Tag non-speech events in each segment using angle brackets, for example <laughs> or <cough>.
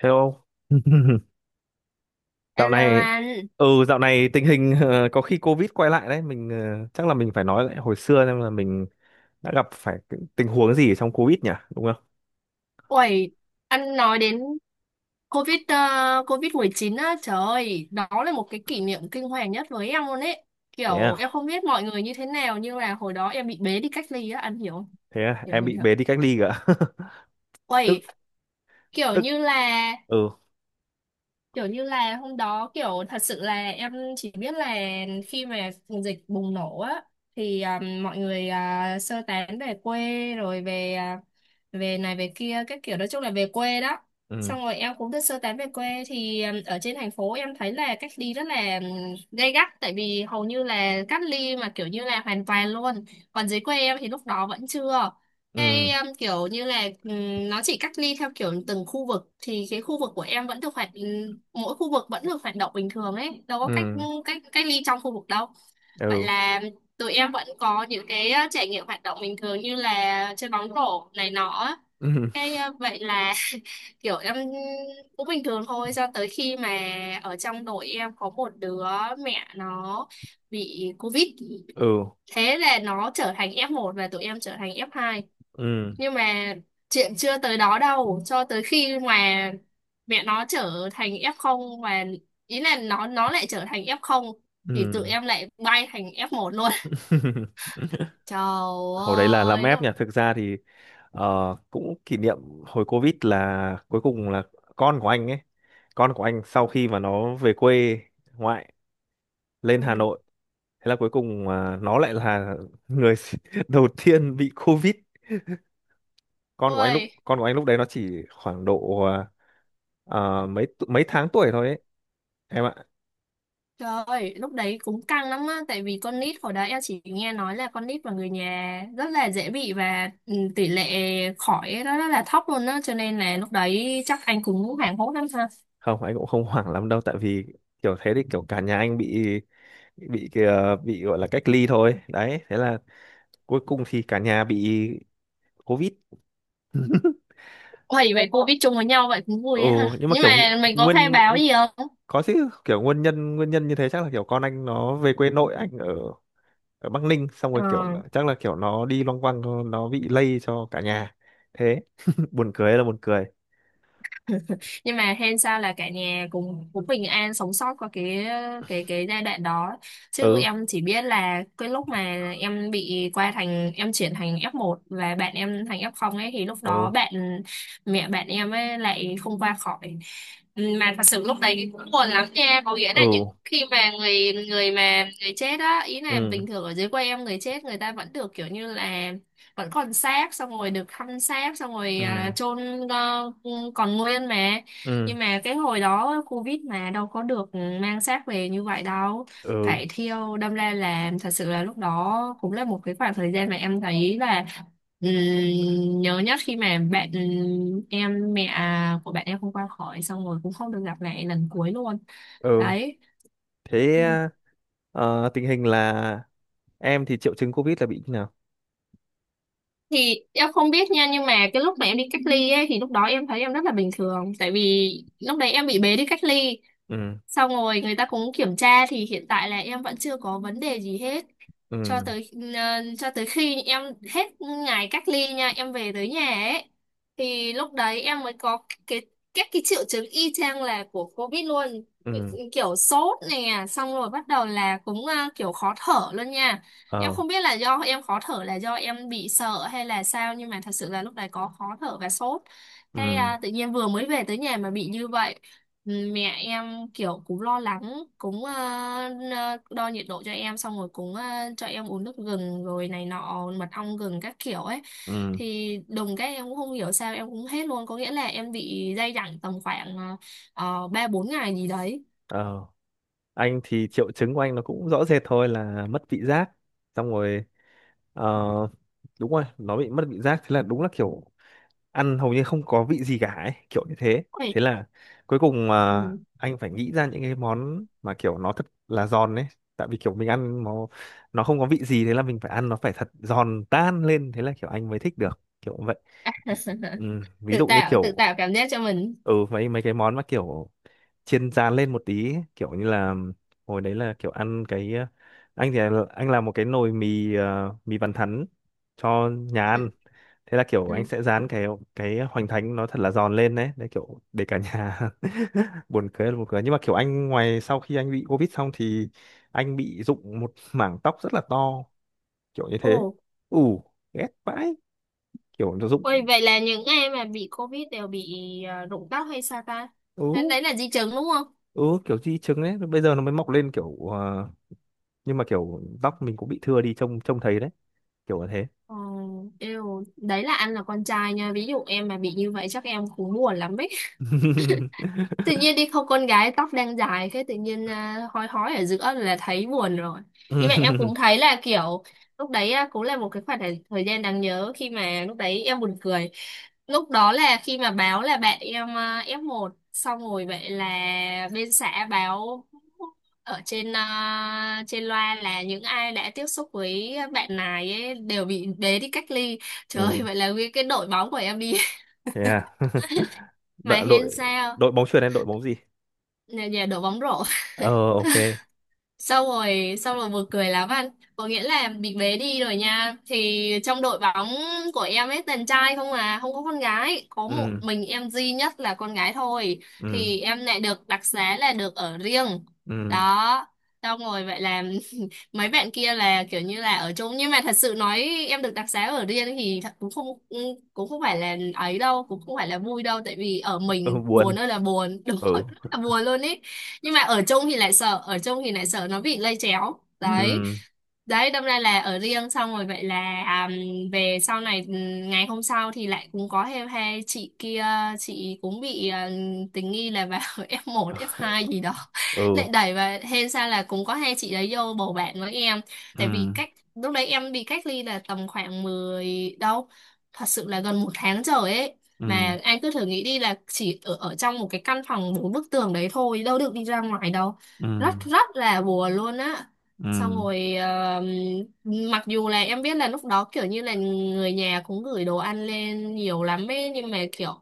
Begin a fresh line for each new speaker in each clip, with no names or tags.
Hello. <laughs> Dạo
Hello
này
anh.
dạo này tình hình có khi Covid quay lại đấy, mình chắc là mình phải nói lại hồi xưa xem là mình đã gặp phải cái tình huống gì trong Covid nhỉ, đúng không?
Uầy, anh nói đến COVID-19 á, trời ơi, đó là một cái kỷ niệm kinh hoàng nhất với em luôn ấy.
Thế
Kiểu
à?
em không biết mọi người như thế nào nhưng là hồi đó em bị bế đi cách ly á, anh hiểu không?
Thế à?
Hiểu
Em
hiểu
bị
hiểu.
bế đi cách ly cả. <laughs> Tức
Uầy, kiểu
tức
như là
ừ,
kiểu như là hôm đó kiểu thật sự là em chỉ biết là khi mà dịch bùng nổ á, thì mọi người sơ tán về quê, rồi về về này về kia, các kiểu nói chung là về quê đó.
ừ,
Xong rồi em cũng được sơ tán về quê, thì ở trên thành phố em thấy là cách ly rất là gay gắt, tại vì hầu như là cách ly mà kiểu như là hoàn toàn luôn. Còn dưới quê em thì lúc đó vẫn chưa, cái
ừ,
kiểu như là nó chỉ cách ly theo kiểu từng khu vực, thì cái khu vực của em vẫn được hoạt, mỗi khu vực vẫn được hoạt động bình thường ấy, đâu có cách
ừ,
cách cách ly trong khu vực đâu. Vậy
ừ,
là tụi em vẫn có những cái trải nghiệm hoạt động bình thường như là chơi bóng rổ này nọ á.
ừ,
Cái vậy là <laughs> kiểu em cũng bình thường thôi cho tới khi mà ở trong đội em có một đứa mẹ nó bị covid.
ừ,
Thế là nó trở thành F1 và tụi em trở thành F2,
ừ,
nhưng mà chuyện chưa tới đó đâu, cho tới khi mà mẹ nó trở thành F0, và ý là nó lại trở thành F0, thì tụi
ừ.
em lại bay thành F1 luôn.
<laughs>
<laughs> trời
Hồi đấy là làm
ơi
ép nhỉ,
lúc
thực ra thì cũng kỷ niệm hồi Covid là cuối cùng là con của anh ấy con của anh sau khi mà nó về quê ngoại lên Hà
Ừ.
Nội, thế là cuối cùng nó lại là người <laughs> đầu tiên bị Covid.
Ôi
Con của anh lúc đấy nó chỉ khoảng độ mấy tháng tuổi thôi ấy em ạ.
trời ơi lúc đấy cũng căng lắm á, tại vì con nít hồi đó em chỉ nghe nói là con nít và người nhà rất là dễ bị, và tỷ lệ khỏi nó rất là thấp luôn á, cho nên là lúc đấy chắc anh cũng hoảng hốt lắm.
Không, anh cũng không <laughs> hoảng lắm đâu, tại vì kiểu thế thì kiểu cả nhà anh bị bị gọi là cách ly thôi đấy, thế là cuối cùng thì cả nhà bị Covid.
Hoài, vậy cô biết chung với nhau vậy cũng vui
Ừ,
ấy ha.
nhưng mà
Nhưng
kiểu
mà mình có khai
nguyên,
báo gì không?
có chứ, kiểu nguyên nhân như thế chắc là kiểu con anh nó về quê nội anh ở ở Bắc Ninh xong
Ờ.
rồi kiểu chắc là kiểu nó đi loanh quanh, nó bị lây cho cả nhà. Thế <laughs> buồn cười là buồn cười.
<laughs> Nhưng mà hên sao là cả nhà cũng cũng bình an sống sót qua cái giai đoạn đó. Chứ
Ừ,
em chỉ biết là cái lúc mà em bị qua thành, em chuyển thành F1 và bạn em thành F0 ấy, thì lúc
ừ,
đó mẹ bạn em ấy lại không qua khỏi. Ừ, mà thật sự lúc đấy cũng buồn lắm nha, có nghĩa là những
ừ,
khi mà người người mà người chết á, ý là
ừ,
bình thường ở dưới quê em người chết người ta vẫn được kiểu như là vẫn còn xác, xong rồi được thăm xác, xong rồi
ừ,
chôn còn nguyên, mà
ừ,
nhưng mà cái hồi đó Covid mà đâu có được mang xác về như vậy đâu,
ừ,
phải thiêu. Đâm ra là thật sự là lúc đó cũng là một cái khoảng thời gian mà em thấy là ừm, nhớ nhất, khi mà bạn em mẹ à, của bạn em không qua khỏi, xong rồi cũng không được gặp lại lần cuối luôn
ừ.
đấy.
Thế tình hình là em thì triệu chứng COVID là bị như nào?
Thì em không biết nha, nhưng mà cái lúc mà em đi cách ly ấy, thì lúc đó em thấy em rất là bình thường, tại vì lúc đấy em bị bế đi cách ly,
Ừ,
xong rồi người ta cũng kiểm tra thì hiện tại là em vẫn chưa có vấn đề gì hết, cho
ừ,
tới cho tới khi em hết ngày cách ly nha, em về tới nhà ấy, thì lúc đấy em mới có cái, các cái triệu chứng y chang là của COVID luôn,
ừ,
kiểu sốt nè, xong rồi bắt đầu là cũng kiểu khó thở luôn nha. Em
ờ,
không biết là do em khó thở là do em bị sợ hay là sao, nhưng mà thật sự là lúc đấy có khó thở và sốt, cái
ừ,
tự nhiên vừa mới về tới nhà mà bị như vậy. Ừ, mẹ em kiểu cũng lo lắng, cũng đo nhiệt độ cho em, xong rồi cũng cho em uống nước gừng rồi này nọ, mật ong gừng các kiểu ấy,
ừ,
thì đùng cái em cũng không hiểu sao em cũng hết luôn, có nghĩa là em bị day dẳng tầm khoảng ba bốn ngày gì đấy.
ờ, anh thì triệu chứng của anh nó cũng rõ rệt thôi là mất vị giác. Xong rồi ờ, đúng rồi, nó bị mất vị giác, thế là đúng là kiểu ăn hầu như không có vị gì cả ấy, kiểu như thế.
Ôi.
Thế là cuối cùng mà
Ừ.
anh phải nghĩ ra những cái món mà kiểu nó thật là giòn ấy, tại vì kiểu mình ăn nó không có vị gì, thế là mình phải ăn nó phải thật giòn tan lên, thế là kiểu anh mới thích được kiểu vậy. Ừ,
<laughs>
ví
tự
dụ như
tạo tự
kiểu
tạo cảm giác cho mình.
ừ, mấy mấy cái món mà kiểu chiên rán lên một tí ấy, kiểu như là hồi đấy là kiểu ăn cái anh anh làm một cái nồi mì mì bàn thắn cho nhà
Ừ.
ăn. Thế là kiểu
Ừ.
anh sẽ rán cái hoành thánh nó thật là giòn lên đấy, đấy, kiểu để cả nhà <laughs> buồn cười là buồn cười. Nhưng mà kiểu anh ngoài sau khi anh bị covid xong thì anh bị rụng một mảng tóc rất là to, kiểu như thế.
Ồ,
Ù, ghét vãi, kiểu nó rụng.
ôi vậy là những ai mà bị COVID đều bị rụng tóc hay sao ta? Đấy,
Ừ,
đấy là di chứng đúng không?
ừ, kiểu di chứng đấy, bây giờ nó mới mọc lên kiểu nhưng mà kiểu tóc mình cũng bị thưa đi trông trông thấy đấy, kiểu là thế.
Ờ, yêu. Đấy là anh là con trai nha. Ví dụ em mà bị như vậy chắc em cũng buồn lắm ấy, tự
<laughs>
nhiên đi không, con gái tóc đang dài, cái tự nhiên hói hói ở giữa là thấy buồn rồi. Nhưng mà em cũng thấy là kiểu lúc đấy cũng là một cái khoảng thời thời gian đáng nhớ, khi mà lúc đấy em buồn cười, lúc đó là khi mà báo là bạn em F1, xong rồi vậy là bên xã báo ở trên trên loa là những ai đã tiếp xúc với bạn này ấy đều bị bế đi cách ly. Trời ơi,
Ừ,
vậy là nguyên cái đội bóng của em đi. <laughs>
thế à. <laughs>
Mà
đội
hên
đội
sao,
đội bóng chuyền hay đội bóng gì?
nhà, nhà đội bóng rổ.
Ờ, ok.
Sau rồi, xong rồi buồn cười lắm anh. Có nghĩa là bị bế đi rồi nha. Thì trong đội bóng của em ấy toàn trai không không có con gái. Có một
Ừ,
mình em duy nhất là con gái thôi.
ừ,
Thì em lại được đặc xá là được ở riêng.
ừ,
Đó. Xong rồi vậy là <laughs> mấy bạn kia là kiểu như là ở chung, nhưng mà thật sự nói em được đặc xá ở riêng thì thật cũng không phải là ấy đâu, cũng không phải là vui đâu, tại vì ở
ừ,
mình
buồn,
buồn ơi là buồn. <laughs> Đúng rồi,
ừ,
rất là buồn luôn ý. Nhưng mà ở chung thì lại sợ ở chung thì lại sợ nó bị lây chéo đấy.
ừ,
Đấy, đâm ra là ở riêng, xong rồi vậy là à, về sau này, ngày hôm sau thì lại cũng có thêm hai chị kia, chị cũng bị tình nghi là vào <laughs> F1 F2 gì đó
ừ,
lại đẩy. Và hên sao là cũng có hai chị đấy vô bầu bạn với em,
ừ,
tại vì
ừ,
cách, lúc đấy em bị cách ly là tầm khoảng 10 đâu, thật sự là gần một tháng trời ấy, mà anh cứ thử nghĩ đi là chỉ ở trong một cái căn phòng bốn bức tường đấy thôi, đâu được đi ra ngoài đâu,
ừ,
rất rất là buồn luôn á. Xong
ừ,
rồi mặc dù là em biết là lúc đó kiểu như là người nhà cũng gửi đồ ăn lên nhiều lắm ấy, nhưng mà kiểu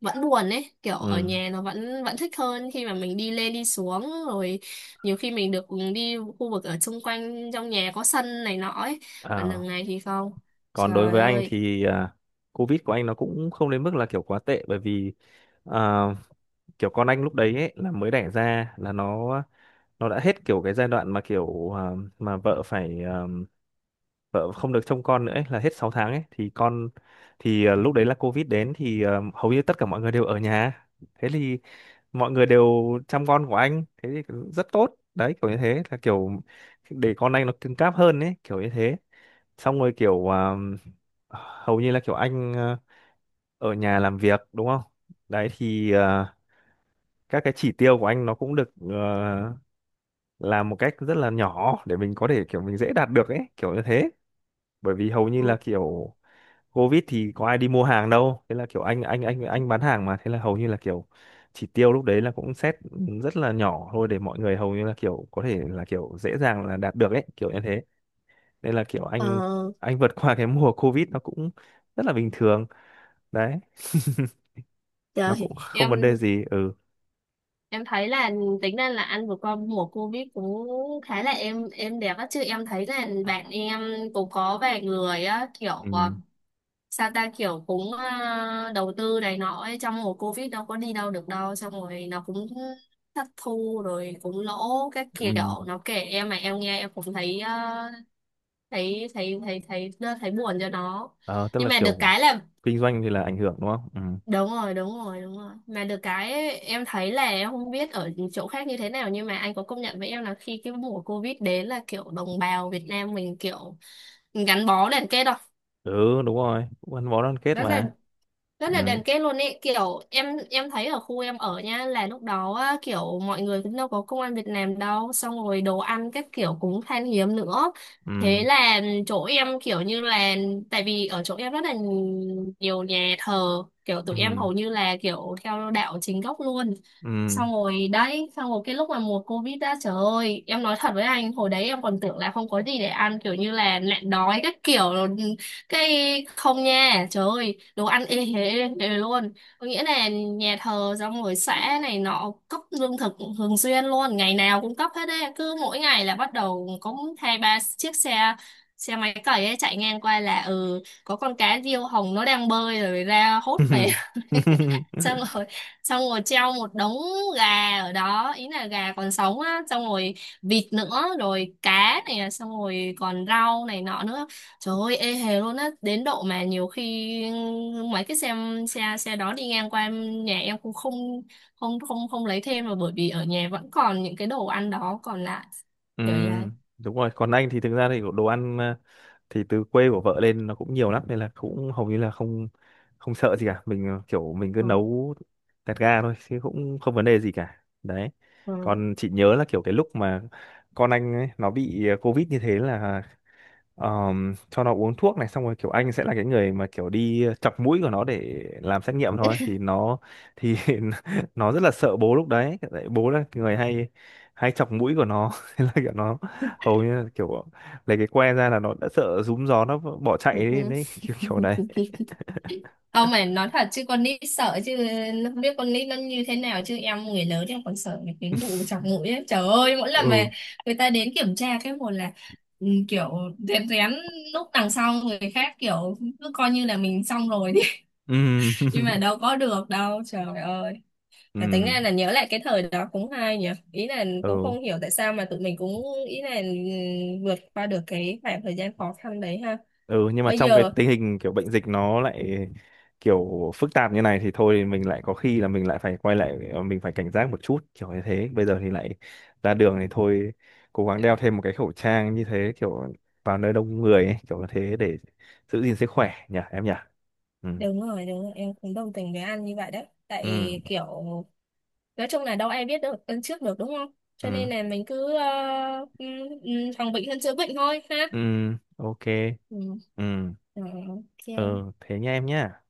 vẫn buồn ấy, kiểu ở
ừ.
nhà nó vẫn vẫn thích hơn, khi mà mình đi lên đi xuống rồi, nhiều khi mình được đi khu vực ở xung quanh trong nhà có sân này nọ ấy, còn
Ờ.
đằng này thì không,
Còn đối
trời
với anh
ơi.
thì Covid của anh nó cũng không đến mức là kiểu quá tệ, bởi vì à, kiểu con anh lúc đấy ấy, là mới đẻ ra là nó đã hết kiểu cái giai đoạn mà kiểu mà vợ phải vợ không được trông con nữa ấy, là hết 6 tháng ấy thì con thì lúc đấy là Covid đến thì hầu như tất cả mọi người đều ở nhà. Thế thì mọi người đều chăm con của anh, thế thì rất tốt đấy kiểu như thế, là kiểu để con anh nó cứng cáp hơn ấy, kiểu như thế. Xong rồi kiểu hầu như là kiểu anh ở nhà làm việc đúng không, đấy thì các cái chỉ tiêu của anh nó cũng được làm một cách rất là nhỏ để mình có thể kiểu mình dễ đạt được ấy, kiểu như thế. Bởi vì hầu như là kiểu Covid thì có ai đi mua hàng đâu, thế là kiểu anh bán hàng mà, thế là hầu như là kiểu chỉ tiêu lúc đấy là cũng set rất là nhỏ thôi để mọi người hầu như là kiểu có thể là kiểu dễ dàng là đạt được ấy, kiểu như thế, nên là kiểu
Ờ,
anh vượt qua cái mùa Covid nó cũng rất là bình thường đấy, nó
trời.
cũng không vấn đề gì. Ừ,
Em thấy là tính ra là ăn vừa qua mùa Covid cũng khá là êm êm đẹp á, chứ em thấy là bạn em cũng có vài người á, kiểu
ừ,
sao ta, kiểu cũng đầu tư này nọ ấy trong mùa Covid, đâu có đi đâu được đâu, xong rồi nó cũng thất thu rồi cũng lỗ các
ừ.
kiểu, nó kể em mà em nghe em cũng thấy thấy buồn cho nó,
Ờ, tức
nhưng
là
mà được
kiểu
cái là
kinh doanh thì là ảnh hưởng đúng không?
đúng rồi đúng rồi đúng rồi, mà được cái ấy, em thấy là em không biết ở chỗ khác như thế nào, nhưng mà anh có công nhận với em là khi cái mùa Covid đến là kiểu đồng bào Việt Nam mình kiểu gắn bó liền kết đâu,
Ừ, ừ đúng rồi, cũng gắn bó đoàn kết
rất là
mà.
rất là
Ừ,
đền kết luôn ấy, kiểu em thấy ở khu em ở nha, là lúc đó á, kiểu mọi người cũng đâu có công ăn việc làm đâu, xong rồi đồ ăn các kiểu cũng khan hiếm nữa, thế
ừ,
là chỗ em kiểu như là, tại vì ở chỗ em rất là nhiều nhà thờ, kiểu tụi em
ừ,
hầu như là kiểu theo đạo chính gốc luôn,
ừ.
xong rồi đấy, xong rồi cái lúc mà mùa Covid, đã trời ơi em nói thật với anh hồi đấy em còn tưởng là không có gì để ăn kiểu như là nạn đói các kiểu, cái không nha, trời ơi đồ ăn ê hề, ê hề luôn, có nghĩa là nhà thờ xong rồi xã này nọ cấp lương thực thường xuyên luôn, ngày nào cũng cấp hết đấy, cứ mỗi ngày là bắt đầu có hai ba chiếc xe, xe máy cày ấy chạy ngang qua, là ừ có con cá diêu hồng nó đang bơi rồi ra hốt về. <laughs> Xong
<laughs>
rồi, xong rồi treo một đống gà ở đó, ý là gà còn sống á, xong rồi vịt nữa, rồi cá này, xong rồi còn rau này nọ nữa, trời ơi ê hề luôn á, đến độ mà nhiều khi mấy cái xe, xe đó đi ngang qua em- nhà em cũng không không lấy thêm, mà bởi vì ở nhà vẫn còn những cái đồ ăn đó còn lại,
Ừ,
kiểu vậy.
đúng rồi. Còn anh thì thực ra thì đồ ăn thì từ quê của vợ lên nó cũng nhiều lắm, nên là cũng hầu như là không không sợ gì cả. Mình kiểu mình cứ
Ừ.
nấu tẹt ga thôi chứ cũng không vấn đề gì cả. Đấy.
Ừ.
Còn chị nhớ là kiểu cái lúc mà con anh ấy, nó bị Covid như thế là cho nó uống thuốc này xong rồi kiểu anh sẽ là cái người mà kiểu đi chọc mũi của nó để làm xét nghiệm thôi thì nó thì <laughs> nó rất là sợ bố lúc đấy, tại bố là người hay hay chọc mũi của nó. <laughs> Thế là kiểu nó hầu như là kiểu lấy cái que ra là nó đã sợ rúm gió, nó bỏ chạy
Ừ.
đi
ừ.
đấy. <laughs> Kiểu kiểu đấy.
ừ. Không, mày nói thật chứ con nít sợ chứ, nó không biết con nít nó như thế nào, chứ em người lớn em còn sợ mấy cái vụ chọc
<laughs>
mũi ấy. Trời ơi mỗi lần
Ừ,
mà người ta đến kiểm tra cái một là kiểu rén rén lúc đằng sau người khác, kiểu cứ coi như là mình, xong rồi đi.
ừ.
<laughs> Nhưng mà đâu
<laughs>
có được đâu, trời ơi.
Ừ,
Mà tính ra là nhớ lại cái thời đó cũng hay nhỉ, ý là cũng
ừ,
không hiểu tại sao mà tụi mình cũng, ý là vượt qua được cái khoảng thời gian khó khăn đấy ha.
ừ, nhưng mà
Bây
trong cái
giờ
tình hình kiểu bệnh dịch nó lại kiểu phức tạp như này thì thôi mình lại có khi là mình lại phải quay lại, mình phải cảnh giác một chút kiểu như thế. Bây giờ thì lại ra đường thì thôi cố gắng đeo thêm một cái khẩu trang như thế, kiểu vào nơi đông người ấy, kiểu như thế để giữ gìn sức khỏe nhỉ em nhỉ. Ừ,
đúng rồi, đúng rồi, em cũng đồng tình với an như vậy đấy.
ừ,
Tại kiểu, nói chung là đâu ai biết được lần trước được đúng không? Cho nên
ừ,
là mình cứ phòng bệnh hơn chữa bệnh thôi ha.
ừ, ok,
Ừ.
ừ,
Rồi, ok,
ờ thế nha em nhá,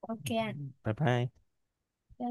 ok.
bye bye.